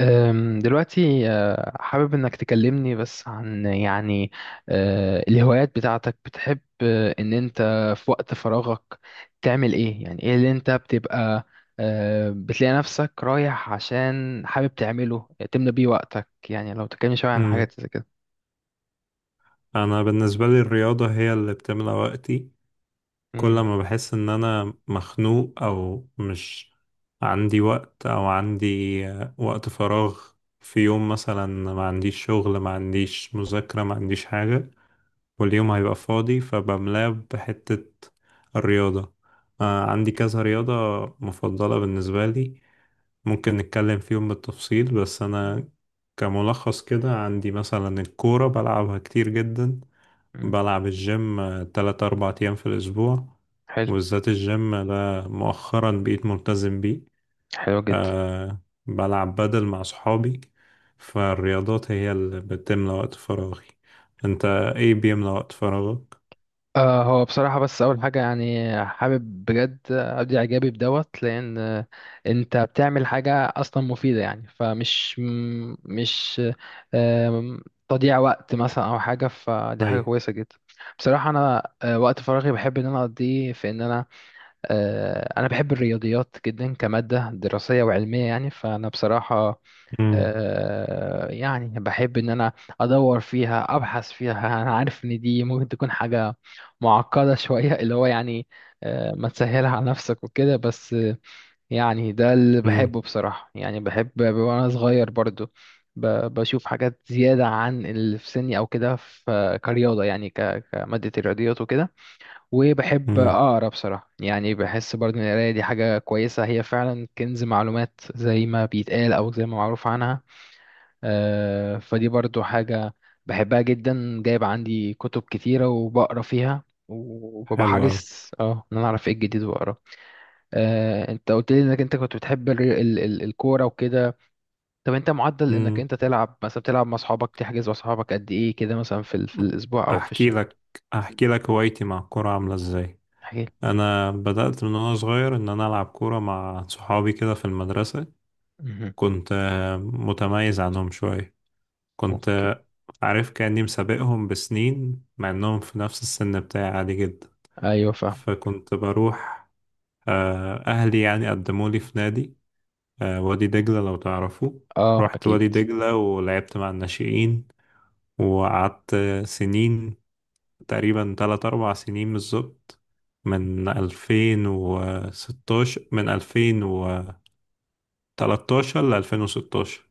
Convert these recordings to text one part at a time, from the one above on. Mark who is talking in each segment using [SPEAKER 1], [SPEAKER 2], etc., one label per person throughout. [SPEAKER 1] دلوقتي، حابب إنك تكلمني بس عن يعني، الهوايات بتاعتك بتحب، إن أنت في وقت فراغك تعمل إيه، يعني إيه اللي أنت بتبقى، بتلاقي نفسك رايح عشان حابب تعمله تملى بيه وقتك، يعني لو تكلمني شوية عن
[SPEAKER 2] امم
[SPEAKER 1] حاجات زي كده.
[SPEAKER 2] انا بالنسبه لي الرياضه هي اللي بتملى وقتي. كل
[SPEAKER 1] مم.
[SPEAKER 2] ما بحس ان انا مخنوق او مش عندي وقت او عندي وقت فراغ في يوم مثلا، ما عنديش شغل، ما عنديش مذاكره، ما عنديش حاجه، واليوم هيبقى فاضي فبملاه بحته الرياضه. عندي كذا رياضه مفضله بالنسبه لي، ممكن نتكلم فيهم بالتفصيل، بس انا كملخص كده عندي مثلا الكوره بلعبها كتير جدا.
[SPEAKER 1] مم.
[SPEAKER 2] بلعب الجيم تلات أربع أيام في الأسبوع،
[SPEAKER 1] حلو.
[SPEAKER 2] وبالذات الجيم ده مؤخرا بقيت ملتزم بيه.
[SPEAKER 1] حلو جدا.
[SPEAKER 2] أه بلعب بدل مع صحابي. فالرياضات هي اللي بتملى وقت فراغي. أنت إيه بيملى وقت فراغك؟
[SPEAKER 1] هو بصراحة بس أول حاجة، يعني حابب بجد أبدي إعجابي بدوت، لأن، أنت بتعمل حاجة أصلا مفيدة يعني، فمش مش آم، تضييع وقت مثلا أو حاجة، فدي حاجة
[SPEAKER 2] أيوة.
[SPEAKER 1] كويسة جدا بصراحة. أنا، وقت فراغي بحب إن أنا أقضيه في إن أنا بحب الرياضيات جدا كمادة دراسية وعلمية يعني، فأنا بصراحة
[SPEAKER 2] مم.
[SPEAKER 1] آه، يعني بحب ان انا ادور فيها، ابحث فيها انا عارف ان دي ممكن تكون حاجة معقدة شوية اللي هو يعني، ما تسهلها على نفسك وكده، بس، يعني ده اللي
[SPEAKER 2] مم.
[SPEAKER 1] بحبه بصراحة. يعني بحب وانا صغير برضو ب- بشوف حاجات زيادة عن اللي في سني او كده، في كرياضة يعني كمادة الرياضيات وكده. وبحب
[SPEAKER 2] مم.
[SPEAKER 1] اقرا بصراحة، يعني بحس برضو ان القراية دي حاجة كويسة، هي فعلا كنز معلومات زي ما بيتقال او زي ما معروف عنها. فدي برضو حاجة بحبها جدا، جايب عندي كتب كتيرة وبقرا فيها، وببقى
[SPEAKER 2] حلو أوي.
[SPEAKER 1] حريص اه ان انا اعرف ايه الجديد واقراه. انت قلت لي انك انت كنت بتحب ال ال ال الكورة وكده. طب انت معدل انك
[SPEAKER 2] مم.
[SPEAKER 1] انت تلعب، مثلا بتلعب مع اصحابك، تحجز مع اصحابك قد ايه كده مثلا في الاسبوع او في
[SPEAKER 2] أحكي
[SPEAKER 1] الشهر؟
[SPEAKER 2] لك أحكي لك هوايتي مع الكورة عاملة إزاي.
[SPEAKER 1] احكي
[SPEAKER 2] أنا بدأت من وأنا صغير إن أنا ألعب كورة مع صحابي كده في المدرسة.
[SPEAKER 1] لي.
[SPEAKER 2] كنت متميز عنهم شوية، كنت
[SPEAKER 1] اوكي.
[SPEAKER 2] عارف كأني مسابقهم بسنين مع انهم في نفس السن بتاعي عادي جدا.
[SPEAKER 1] ايوه فاهم.
[SPEAKER 2] فكنت بروح آه، اهلي يعني قدمولي في نادي، وادي دجلة لو تعرفوا.
[SPEAKER 1] اه
[SPEAKER 2] رحت
[SPEAKER 1] اكيد.
[SPEAKER 2] وادي دجلة ولعبت مع الناشئين، وقعدت سنين، تقريبا تلات أربع سنين بالظبط، من 2016، من 2013 ل 2016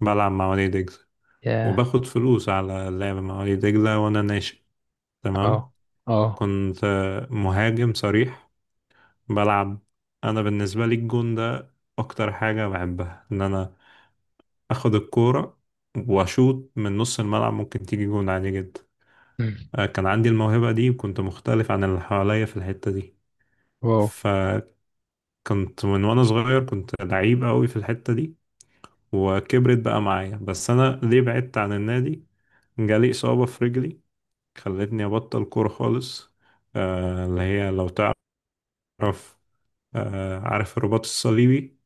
[SPEAKER 2] بلعب مع وادي دجلة،
[SPEAKER 1] ياه.
[SPEAKER 2] وباخد فلوس على اللعب مع وليد دجلة وأنا ناشئ. تمام.
[SPEAKER 1] اه اه.
[SPEAKER 2] كنت مهاجم صريح، بلعب. أنا بالنسبة لي الجون ده أكتر حاجة بحبها، إن أنا أخد الكورة وأشوط من نص الملعب ممكن تيجي جون عادي جدا.
[SPEAKER 1] مم.
[SPEAKER 2] كان عندي الموهبة دي وكنت مختلف عن اللي حواليا في الحتة دي.
[SPEAKER 1] واو.
[SPEAKER 2] فكنت من وأنا صغير كنت لعيب قوي في الحتة دي، وكبرت بقى معايا. بس أنا ليه بعدت عن النادي؟ جالي إصابة في رجلي خلتني أبطل كورة خالص. اللي هي لو تعرف، عارف الرباط الصليبي؟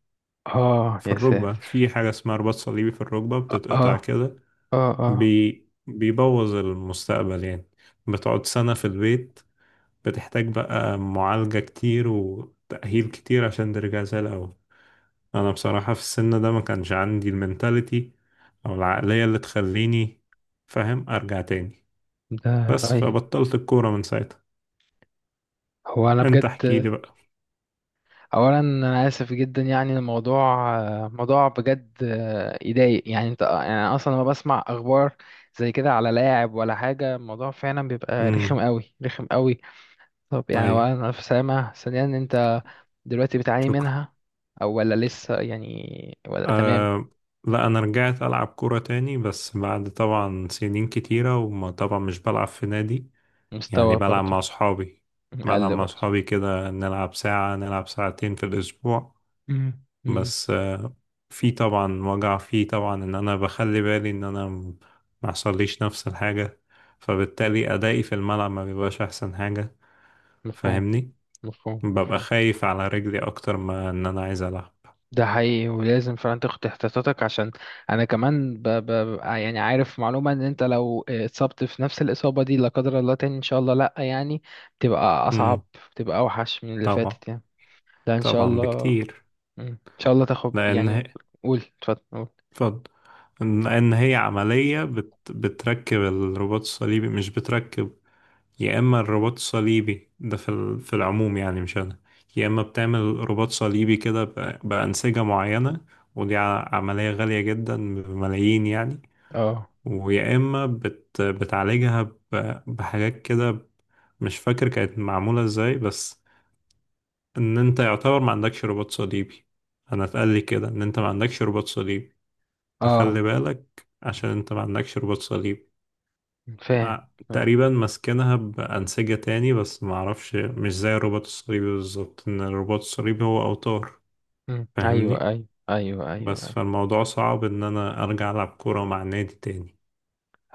[SPEAKER 1] اه
[SPEAKER 2] في
[SPEAKER 1] يا
[SPEAKER 2] الركبة،
[SPEAKER 1] ساتر.
[SPEAKER 2] في حاجة اسمها رباط صليبي في الركبة
[SPEAKER 1] اه
[SPEAKER 2] بتتقطع
[SPEAKER 1] اه
[SPEAKER 2] كده،
[SPEAKER 1] اه.
[SPEAKER 2] بيبوظ المستقبل يعني. بتقعد سنة في البيت، بتحتاج بقى معالجة كتير وتأهيل كتير عشان ترجع زي الأول. أنا بصراحة في السن ده ما كانش عندي المنتاليتي أو العقلية اللي تخليني فاهم أرجع تاني،
[SPEAKER 1] ده.
[SPEAKER 2] بس
[SPEAKER 1] ايوه.
[SPEAKER 2] فبطلت الكورة من ساعتها.
[SPEAKER 1] هو انا
[SPEAKER 2] أنت
[SPEAKER 1] بجد،
[SPEAKER 2] احكيلي.
[SPEAKER 1] اولا انا اسف جدا، يعني الموضوع موضوع بجد يضايق، يعني انت يعني، أنا اصلا لما بسمع اخبار زي كده على لاعب ولا حاجه، الموضوع فعلا بيبقى
[SPEAKER 2] بقى.
[SPEAKER 1] رخم قوي. رخم قوي. طب يعني
[SPEAKER 2] ايوه.
[SPEAKER 1] اولا الف سلامه، ثانيا انت دلوقتي بتعاني
[SPEAKER 2] شكرا.
[SPEAKER 1] منها او ولا لسه، يعني ولا تمام؟
[SPEAKER 2] أه. لا، انا رجعت العب كوره تاني بس بعد طبعا سنين كتيره، وما طبعا مش بلعب في نادي، يعني
[SPEAKER 1] مستوى
[SPEAKER 2] بلعب
[SPEAKER 1] برضو.
[SPEAKER 2] مع اصحابي. بلعب
[SPEAKER 1] قل
[SPEAKER 2] مع
[SPEAKER 1] برضو.
[SPEAKER 2] اصحابي كده، نلعب ساعه، نلعب ساعتين في الاسبوع.
[SPEAKER 1] مم. مم.
[SPEAKER 2] بس في طبعا وجع، فيه طبعا ان انا بخلي بالي ان انا ما يحصليش نفس الحاجه، فبالتالي ادائي في الملعب ما بيبقاش احسن حاجه.
[SPEAKER 1] مفهوم.
[SPEAKER 2] فاهمني،
[SPEAKER 1] مفهوم.
[SPEAKER 2] ببقى
[SPEAKER 1] مفهوم.
[SPEAKER 2] خايف على رجلي اكتر ما ان انا عايز العب.
[SPEAKER 1] ده حقيقي، ولازم فعلا تاخد احتياطاتك، عشان انا كمان يعني عارف معلومة ان انت لو اتصبت في نفس الإصابة دي لا قدر الله تاني ان شاء الله لا، يعني بتبقى
[SPEAKER 2] امم.
[SPEAKER 1] اصعب، بتبقى اوحش من اللي
[SPEAKER 2] طبعا.
[SPEAKER 1] فاتت يعني. لا ان شاء
[SPEAKER 2] طبعا
[SPEAKER 1] الله.
[SPEAKER 2] بكتير.
[SPEAKER 1] مم. ان شاء الله تاخد
[SPEAKER 2] لأن هي
[SPEAKER 1] يعني. قول اتفضل. قول.
[SPEAKER 2] اتفضل. لأن هي عملية بتركب الرباط الصليبي، مش بتركب. يا إما الرباط الصليبي ده في العموم يعني، مش أنا، يا إما بتعمل رباط صليبي كده بأنسجة معينة، ودي عملية غالية جدا، بملايين يعني.
[SPEAKER 1] اه
[SPEAKER 2] ويا إما بتعالجها بحاجات كده، مش فاكر كانت معمولة ازاي، بس ان انت يعتبر ما عندكش رباط صليبي. انا اتقال لي كده، ان انت ما عندكش رباط صليبي،
[SPEAKER 1] اه
[SPEAKER 2] تخلي بالك عشان انت ما عندكش رباط صليب.
[SPEAKER 1] فاهم.
[SPEAKER 2] ع-
[SPEAKER 1] فاهم.
[SPEAKER 2] تقريبا ماسكينها بأنسجة تاني، بس ما اعرفش، مش زي الرباط الصليبي بالظبط، ان الرباط الصليبي هو اوتار.
[SPEAKER 1] مم. ايوه
[SPEAKER 2] فاهمني،
[SPEAKER 1] ايوه ايوه ايوه
[SPEAKER 2] بس
[SPEAKER 1] ايوه.
[SPEAKER 2] فالموضوع صعب ان انا ارجع العب كورة مع نادي تاني.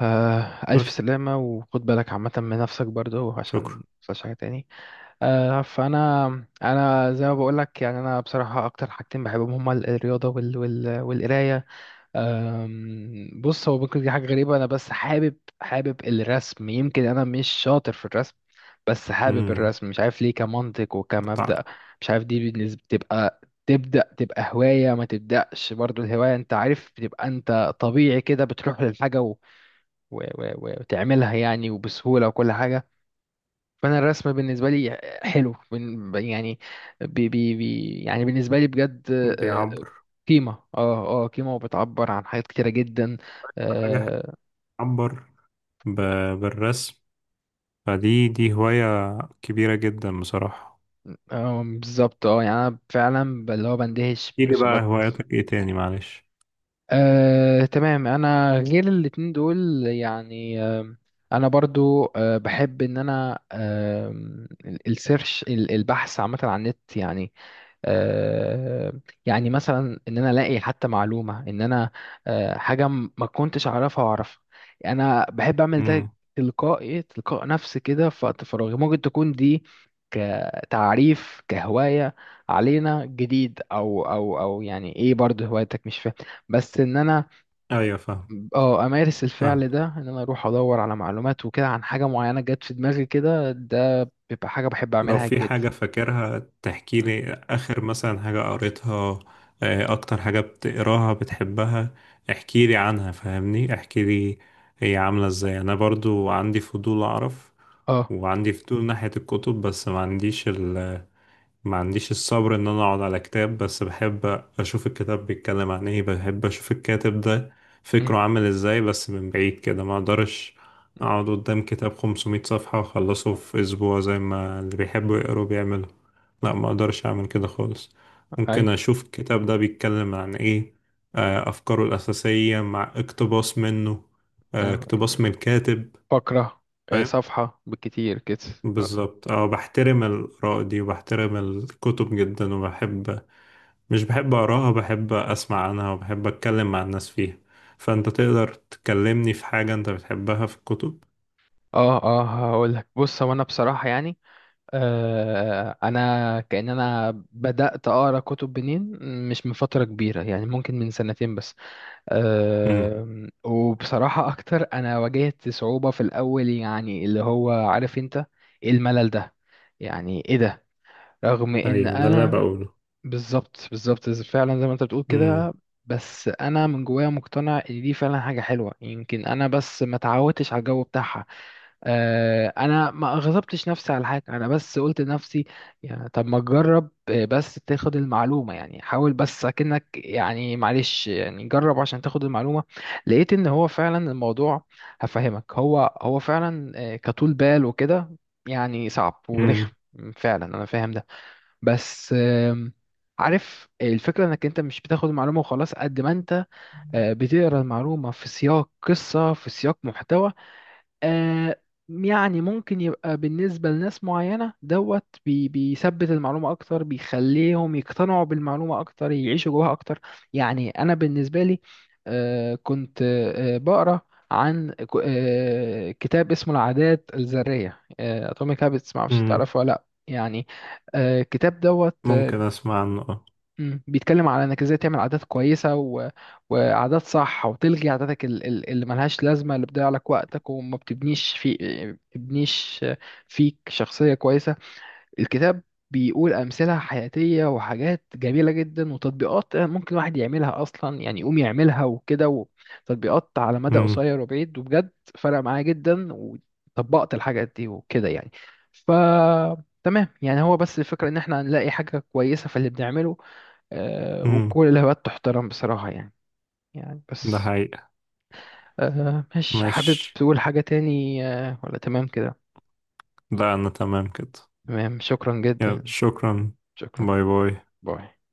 [SPEAKER 1] ألف
[SPEAKER 2] بس.
[SPEAKER 1] سلامة، وخد بالك عامة من نفسك برضه
[SPEAKER 2] شكرا.
[SPEAKER 1] عشان متحصلش حاجة تاني. فانا زي ما بقول لك، يعني انا بصراحه اكتر حاجتين بحبهم هما الرياضه وال وال والقرايه بص هو ممكن دي حاجه غريبه، انا بس حابب الرسم، يمكن انا مش شاطر في الرسم بس حابب
[SPEAKER 2] امم.
[SPEAKER 1] الرسم، مش عارف ليه، كمنطق وكمبدأ.
[SPEAKER 2] بتاع
[SPEAKER 1] مش عارف دي بالنسبه تبقى، تبدأ تبقى هواية ما تبدأش برضو. الهواية انت عارف بتبقى، انت طبيعي كده بتروح للحاجة و... و... و... وتعملها، يعني وبسهولة وكل حاجة. فانا الرسم بالنسبه لي حلو، يعني، بي بي بي يعني بالنسبه لي بجد آه،
[SPEAKER 2] بيعبر
[SPEAKER 1] قيمه اه اه قيمه، وبتعبر عن حاجات كتيره جدا،
[SPEAKER 2] حاجة
[SPEAKER 1] اه.
[SPEAKER 2] بتعبر بالرسم. فدي هواية كبيرة جدا بصراحة.
[SPEAKER 1] بالظبط، اه يعني انا فعلا اللي هو بندهش
[SPEAKER 2] ايه دي بقى
[SPEAKER 1] برسومات.
[SPEAKER 2] هواياتك؟ ايه تاني؟ معلش.
[SPEAKER 1] تمام، انا غير الاتنين دول يعني. انا برضو بحب ان انا، السيرش، البحث عامه على النت يعني. آه، يعني مثلا ان انا الاقي حتى معلومه ان انا، حاجه ما كنتش اعرفها واعرفها، انا بحب اعمل ده
[SPEAKER 2] امم.
[SPEAKER 1] تلقاء نفسي كده في وقت فراغي. ممكن تكون دي كتعريف كهوايه، علينا جديد او يعني ايه برضه هوايتك، مش فاهم بس ان انا
[SPEAKER 2] ايوه، فاهم،
[SPEAKER 1] اه امارس
[SPEAKER 2] فاهم.
[SPEAKER 1] الفعل ده، ان انا اروح ادور على معلومات وكده عن حاجه معينه جت في دماغي كده. ده بيبقى حاجه بحب
[SPEAKER 2] لو
[SPEAKER 1] اعملها
[SPEAKER 2] في
[SPEAKER 1] جدا.
[SPEAKER 2] حاجة فاكرها تحكي
[SPEAKER 1] م.
[SPEAKER 2] لي، آخر مثلا حاجة قريتها، أكتر حاجة بتقراها بتحبها، احكي لي عنها، فاهمني، احكي لي هي عاملة ازاي. أنا برضو عندي فضول أعرف،
[SPEAKER 1] اه.
[SPEAKER 2] وعندي فضول ناحية الكتب، بس ما عنديش الصبر ان انا اقعد على كتاب، بس بحب اشوف الكتاب بيتكلم عن ايه، بحب اشوف الكاتب ده
[SPEAKER 1] م.
[SPEAKER 2] فكره عامل ازاي، بس من بعيد كده، ما اقدرش اقعد قدام كتاب 500 صفحة واخلصه في اسبوع زي ما اللي بيحبوا يقروا بيعملوا. لا، ما اقدرش اعمل كده خالص. ممكن
[SPEAKER 1] ايوه.
[SPEAKER 2] اشوف الكتاب ده بيتكلم عن ايه، افكاره الاساسية مع اقتباس منه،
[SPEAKER 1] آه،
[SPEAKER 2] اقتباس من الكاتب.
[SPEAKER 1] فقرة،
[SPEAKER 2] فاهم.
[SPEAKER 1] صفحة بالكتير كده مثلا.
[SPEAKER 2] بالظبط، بحترم الآراء دي، وبحترم الكتب جدا، وبحب، مش بحب أقراها، بحب أسمع عنها، وبحب أتكلم مع الناس فيها. فأنت تقدر تكلمني في حاجة أنت بتحبها في الكتب.
[SPEAKER 1] اه اه، هقول لك، بص هو انا بصراحة يعني، انا كأن انا بدأت اقرا كتب منين؟ مش من فترة كبيرة يعني، ممكن من 2 سنتين بس.
[SPEAKER 2] امم.
[SPEAKER 1] وبصراحة اكتر، انا واجهت صعوبة في الاول، يعني اللي هو عارف انت إيه الملل ده، يعني ايه ده، رغم ان
[SPEAKER 2] أيوة، ده اللي أنا
[SPEAKER 1] انا
[SPEAKER 2] بقوله.
[SPEAKER 1] بالظبط بالظبط، فعلا زي ما انت بتقول
[SPEAKER 2] امم،
[SPEAKER 1] كده. بس انا من جوايا مقتنع ان دي فعلا حاجه حلوه، يمكن انا بس ما اتعودتش على الجو بتاعها. انا ما غضبتش نفسي على حاجه، انا بس قلت لنفسي يعني طب ما تجرب، بس تاخد المعلومه يعني، حاول بس اكنك يعني، معلش يعني جرب عشان تاخد المعلومه. لقيت ان هو فعلا الموضوع، هفهمك، هو فعلا، كطول بال وكده يعني صعب ورخم،
[SPEAKER 2] امم،
[SPEAKER 1] فعلا انا فاهم ده. بس، عارف الفكرة، انك انت مش بتاخد المعلومة وخلاص قد ما انت، بتقرا المعلومة في سياق قصة، في سياق محتوى. آه، يعني ممكن يبقى بالنسبة لناس معينة دوت بيثبت المعلومة أكتر، بيخليهم يقتنعوا بالمعلومة أكتر، يعيشوا جواها أكتر. يعني أنا بالنسبة لي، كنت بقرأ عن كتاب اسمه العادات الذرية، أتوميك هابتس، معرفش
[SPEAKER 2] امم.
[SPEAKER 1] تعرفه ولا لأ يعني. الكتاب دوت.
[SPEAKER 2] ممكن أسمع عنه، أه.
[SPEAKER 1] مم. بيتكلم على انك ازاي تعمل عادات كويسه وعادات صح، وتلغي عاداتك اللي ملهاش لازمه، اللي بتضيع لك وقتك، وما بتبنيش في، بتبنيش فيك شخصيه كويسه. الكتاب بيقول امثله حياتيه، وحاجات جميله جدا، وتطبيقات ممكن الواحد يعملها اصلا يعني، يقوم يعملها وكده. وتطبيقات على مدى
[SPEAKER 2] امم،
[SPEAKER 1] قصير وبعيد، وبجد فرق معايا جدا، وطبقت الحاجات دي وكده يعني. ف تمام يعني، هو بس الفكرة ان احنا نلاقي حاجة كويسة في اللي بنعمله.
[SPEAKER 2] امم.
[SPEAKER 1] وكل الهوايات تحترم بصراحة يعني. يعني
[SPEAKER 2] ده
[SPEAKER 1] بس
[SPEAKER 2] حقيقة.
[SPEAKER 1] آه، مش حابب
[SPEAKER 2] ماشي.
[SPEAKER 1] تقول حاجة تاني، ولا تمام كده؟
[SPEAKER 2] لا، أنا تمام كده.
[SPEAKER 1] تمام، شكرا
[SPEAKER 2] يلا،
[SPEAKER 1] جدا.
[SPEAKER 2] شكرا.
[SPEAKER 1] شكرا.
[SPEAKER 2] باي باي.
[SPEAKER 1] باي.